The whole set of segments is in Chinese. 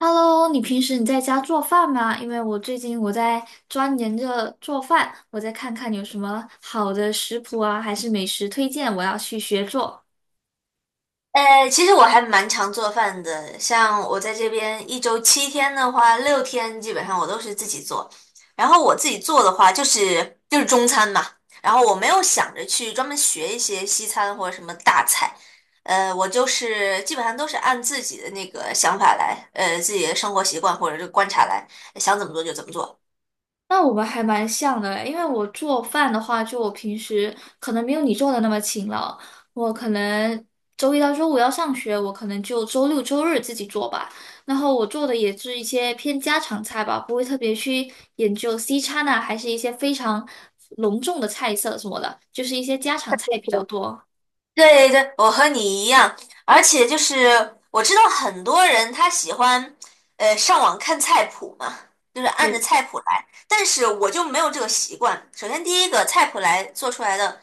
Hello，你平时在家做饭吗？因为我最近在钻研着做饭，我再看看有什么好的食谱啊，还是美食推荐，我要去学做。其实我还蛮常做饭的，像我在这边一周七天的话，六天基本上我都是自己做。然后我自己做的话，就是中餐嘛。然后我没有想着去专门学一些西餐或者什么大菜，我就是基本上都是按自己的那个想法来，自己的生活习惯或者是观察来，想怎么做就怎么做。那我们还蛮像的，因为我做饭的话，就我平时可能没有你做的那么勤劳，我可能周一到周五要上学，我可能就周六周日自己做吧。然后我做的也是一些偏家常菜吧，不会特别去研究西餐啊，还是一些非常隆重的菜色什么的，就是一些家常菜比较多。对对，我和你一样，而且就是我知道很多人他喜欢，上网看菜谱嘛，就是按着对。菜谱来，但是我就没有这个习惯。首先，第一个菜谱来做出来的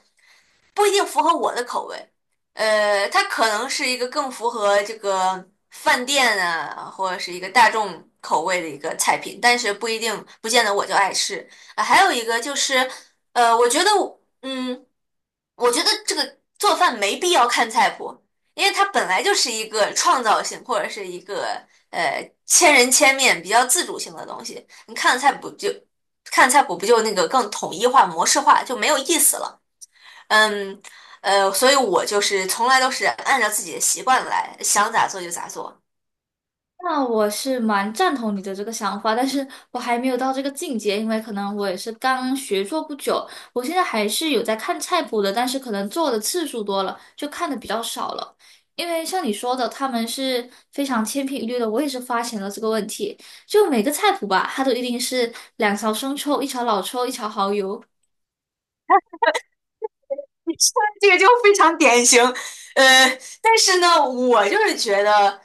不一定符合我的口味，它可能是一个更符合这个饭店啊，或者是一个大众口味的一个菜品，但是不一定不见得我就爱吃。啊，还有一个就是，我觉得我我觉得这个做饭没必要看菜谱，因为它本来就是一个创造性或者是一个千人千面、比较自主性的东西。你看菜谱就看菜谱不就那个更统一化、模式化，就没有意思了。嗯，所以我就是从来都是按照自己的习惯来，想咋做就咋做。那我是蛮赞同你的这个想法，但是我还没有到这个境界，因为可能我也是刚学做不久，我现在还是有在看菜谱的，但是可能做的次数多了，就看的比较少了。因为像你说的，他们是非常千篇一律的，我也是发现了这个问题。就每个菜谱吧，它都一定是两勺生抽、一勺老抽、一勺蚝油，你说的这个就非常典型，但是呢，我就是觉得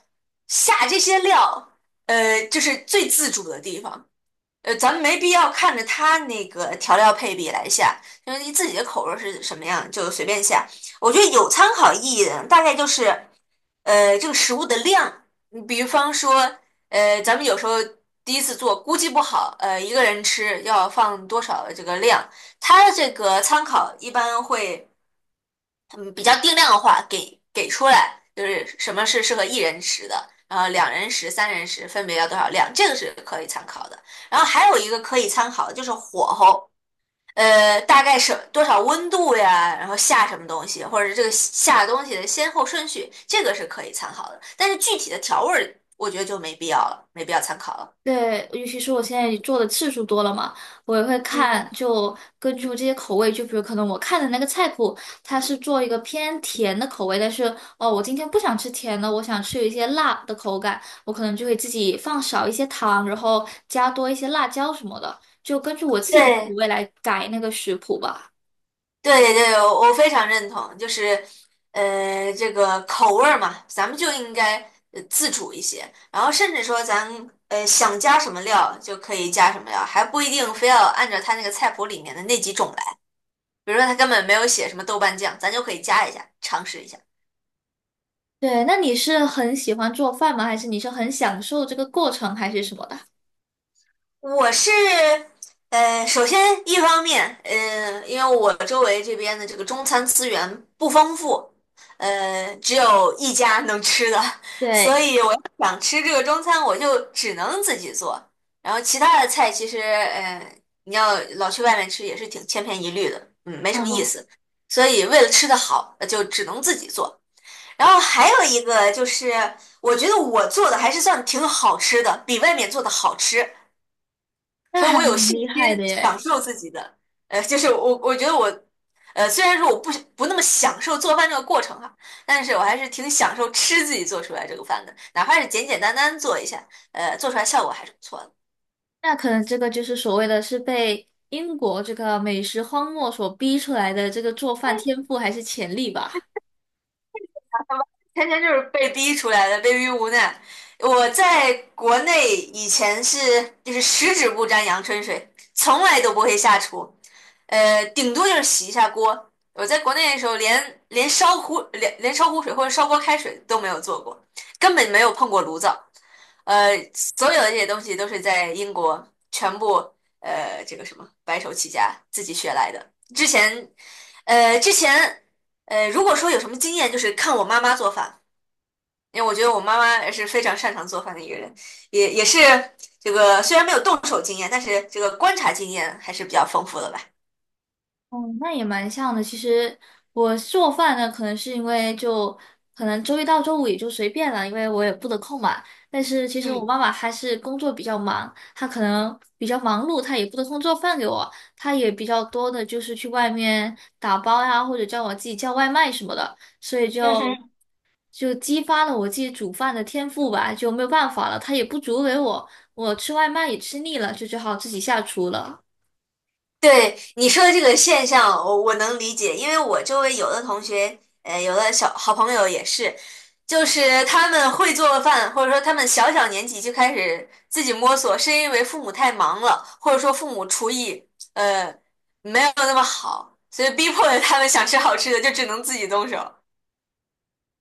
下这些料，就是最自主的地方。咱们没必要看着他那个调料配比来下，因为你自己的口味是什么样就随便下。我觉得有参考意义的大概就是，这个食物的量，你比方说，咱们有时候第一次做估计不好，一个人吃要放多少这个量，它这个参考一般会。嗯，比较定量的话，给出来，就是什么是适合一人食的，然后两人食、三人食分别要多少量，这个是可以参考的。然后还有一个可以参考的就是火候，大概是多少温度呀，然后下什么东西，或者是这个下东西的先后顺序，这个是可以参考的。但是具体的调味儿，我觉得就没必要了，没必要参考了。对，尤其是我现在做的次数多了嘛，我也会嗯，看，就根据这些口味，就比如可能我看的那个菜谱，它是做一个偏甜的口味，但是哦，我今天不想吃甜的，我想吃一些辣的口感，我可能就会自己放少一些糖，然后加多一些辣椒什么的，就根据我自己的口对。味来改那个食谱吧。对对，我非常认同，就是，这个口味儿嘛，咱们就应该自主一些，然后甚至说咱想加什么料就可以加什么料，还不一定非要按照他那个菜谱里面的那几种来，比如说他根本没有写什么豆瓣酱，咱就可以加一下，尝试一下。对，那你是很喜欢做饭吗？还是你是很享受这个过程，还是什么的？我是，首先一方面，因为我周围这边的这个中餐资源不丰富，只有一家能吃的，对，所以我要想吃这个中餐，我就只能自己做。然后其他的菜其实，你要老去外面吃也是挺千篇一律的，嗯，没什么意嗯，思。所以为了吃的好，就只能自己做。然后还有一个就是，我觉得我做的还是算挺好吃的，比外面做的好吃。那所以还我有蛮信厉害心的享耶。受自己的。就是我我觉得我，虽然说我不那么享受做饭这个过程哈，但是我还是挺享受吃自己做出来这个饭的，哪怕是简简单单做一下，做出来效果还是不错的。那可能这个就是所谓的是被英国这个美食荒漠所逼出来的这个做饭天赋还是潜力吧。天天就是被逼出来的，被逼无奈。我在国内以前是就是十指不沾阳春水，从来都不会下厨，顶多就是洗一下锅。我在国内的时候连烧壶水或者烧锅开水都没有做过，根本没有碰过炉灶。所有的这些东西都是在英国全部这个什么白手起家自己学来的。之前，之前如果说有什么经验，就是看我妈妈做饭。因为我觉得我妈妈也是非常擅长做饭的一个人，也是这个虽然没有动手经验，但是这个观察经验还是比较丰富的吧。嗯，那也蛮像的。其实我做饭呢，可能是因为就可能周一到周五也就随便了，因为我也不得空嘛。但是其实我嗯妈妈还是工作比较忙，她可能比较忙碌，她也不得空做饭给我，她也比较多的就是去外面打包呀，或者叫我自己叫外卖什么的，所以嗯就。哼，就激发了我自己煮饭的天赋吧，就没有办法了，他也不煮给我，我吃外卖也吃腻了，就只好自己下厨了。对你说的这个现象，我能理解，因为我周围有的同学，有的小好朋友也是，就是他们会做饭，或者说他们小小年纪就开始自己摸索，是因为父母太忙了，或者说父母厨艺呃没有那么好，所以逼迫着他们想吃好吃的，就只能自己动手。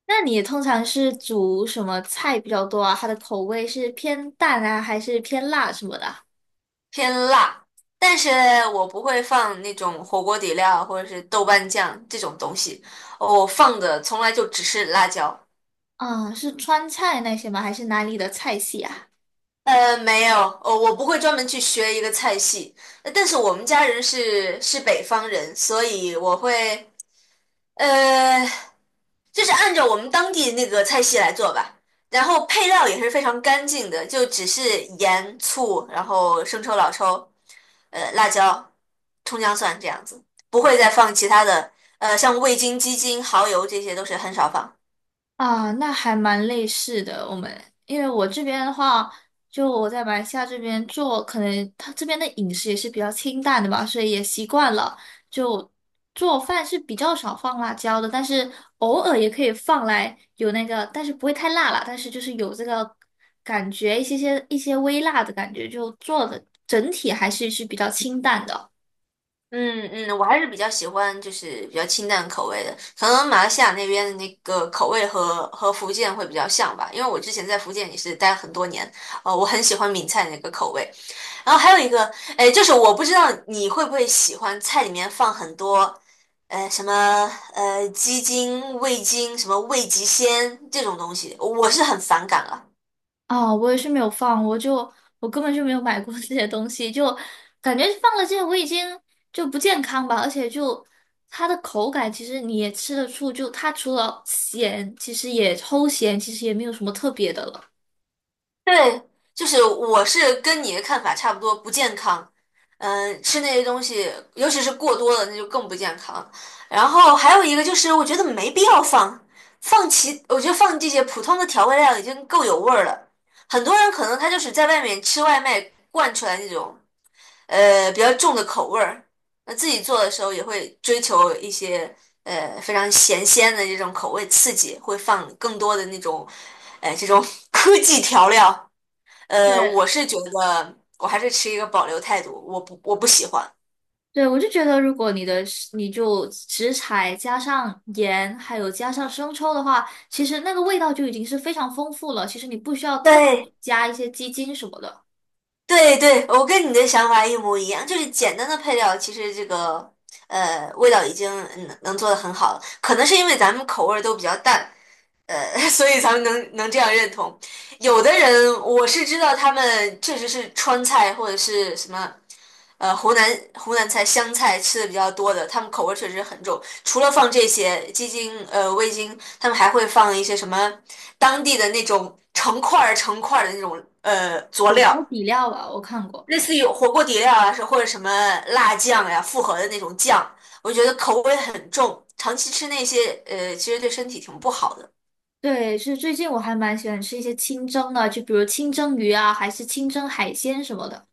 那你通常是煮什么菜比较多啊？它的口味是偏淡啊，还是偏辣什么的啊？偏辣，但是我不会放那种火锅底料或者是豆瓣酱这种东西，我放的从来就只是辣椒。嗯，是川菜那些吗？还是哪里的菜系啊？没有，哦，我不会专门去学一个菜系，但是我们家人是北方人，所以我会。呃，就是按照我们当地那个菜系来做吧，然后配料也是非常干净的，就只是盐、醋，然后生抽、老抽，辣椒、葱姜蒜这样子，不会再放其他的，像味精、鸡精、蚝油这些都是很少放。啊，那还蛮类似的。我们因为我这边的话，就我在马来西亚这边做，可能他这边的饮食也是比较清淡的吧，所以也习惯了。就做饭是比较少放辣椒的，但是偶尔也可以放来有那个，但是不会太辣啦，但是就是有这个感觉，一些微辣的感觉，就做的整体还是比较清淡的。嗯嗯，我还是比较喜欢就是比较清淡口味的，可能马来西亚那边的那个口味和福建会比较像吧，因为我之前在福建也是待了很多年，我很喜欢闽菜那个口味。然后还有一个，哎，就是我不知道你会不会喜欢菜里面放很多，什么鸡精、味精、什么味极鲜这种东西，我是很反感了。哦，我也是没有放，我根本就没有买过 这些东西，就感觉放了这些我已经就不健康吧，而且就它的口感其实你也吃得出，就它除了咸，其实也齁咸，其实也没有什么特别的了。对，就是我是跟你的看法差不多，不健康。嗯、吃那些东西，尤其是过多了，那就更不健康。然后还有一个就是，我觉得没必要放，我觉得放这些普通的调味料已经够有味儿了。很多人可能他就是在外面吃外卖惯出来那种。比较重的口味儿。那自己做的时候也会追求一些非常咸鲜的这种口味刺激，会放更多的那种这种 科技调料。对，我是觉得我还是持一个保留态度，我不喜欢。对，我就觉得如果你就食材加上盐，还有加上生抽的话，其实那个味道就已经是非常丰富了，其实你不需要特对加一些鸡精什么的，对对，我跟你的想法一模一样，就是简单的配料，其实这个味道已经能做得很好了，可能是因为咱们口味儿都比较淡，所以咱们能这样认同。有的人我是知道，他们确实是川菜或者是什么，呃，湖南湖南菜、湘菜吃的比较多的，他们口味确实很重。除了放这些鸡精、味精，他们还会放一些什么当地的那种成块儿的那种佐火料，锅底料吧，我看过。类似于火锅底料啊，是或者什么辣酱呀、复合的那种酱，我觉得口味很重，长期吃那些其实对身体挺不好的。对，是最近我还蛮喜欢吃一些清蒸的，就比如清蒸鱼啊，还是清蒸海鲜什么的。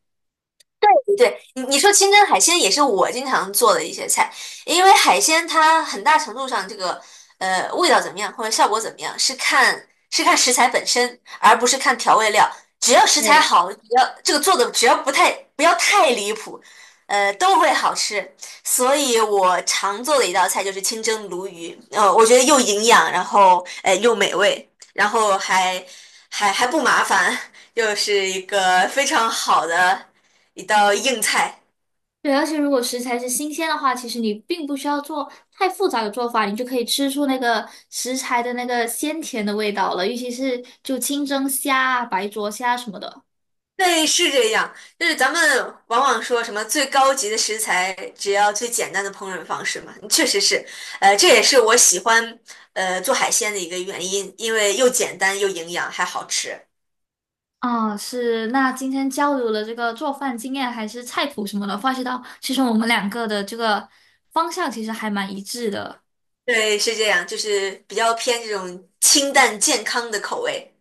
对，你你说清蒸海鲜也是我经常做的一些菜，因为海鲜它很大程度上这个味道怎么样或者效果怎么样是看食材本身，而不是看调味料。只要食材对，好，只要这个做的只要不太不要太离谱，都会好吃。所以我常做的一道菜就是清蒸鲈鱼，我觉得又营养，然后又美味，然后还不麻烦，又是一个非常好的。一道硬菜。对，而且如果食材是新鲜的话，其实你并不需要做太复杂的做法，你就可以吃出那个食材的那个鲜甜的味道了。尤其是就清蒸虾啊、白灼虾什么的。对，是这样。就是咱们往往说什么最高级的食材，只要最简单的烹饪方式嘛，确实是。这也是我喜欢做海鲜的一个原因，因为又简单又营养还好吃。啊，是。那今天交流了这个做饭经验还是菜谱什么的，发现到其实我们两个的这个方向其实还蛮一致的。对，是这样，就是比较偏这种清淡健康的口味。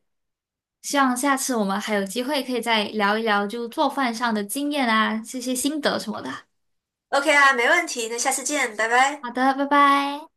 希望下次我们还有机会可以再聊一聊，就做饭上的经验啊，这些心得什么的。OK 啊，没问题，那下次见，拜拜。好的，拜拜。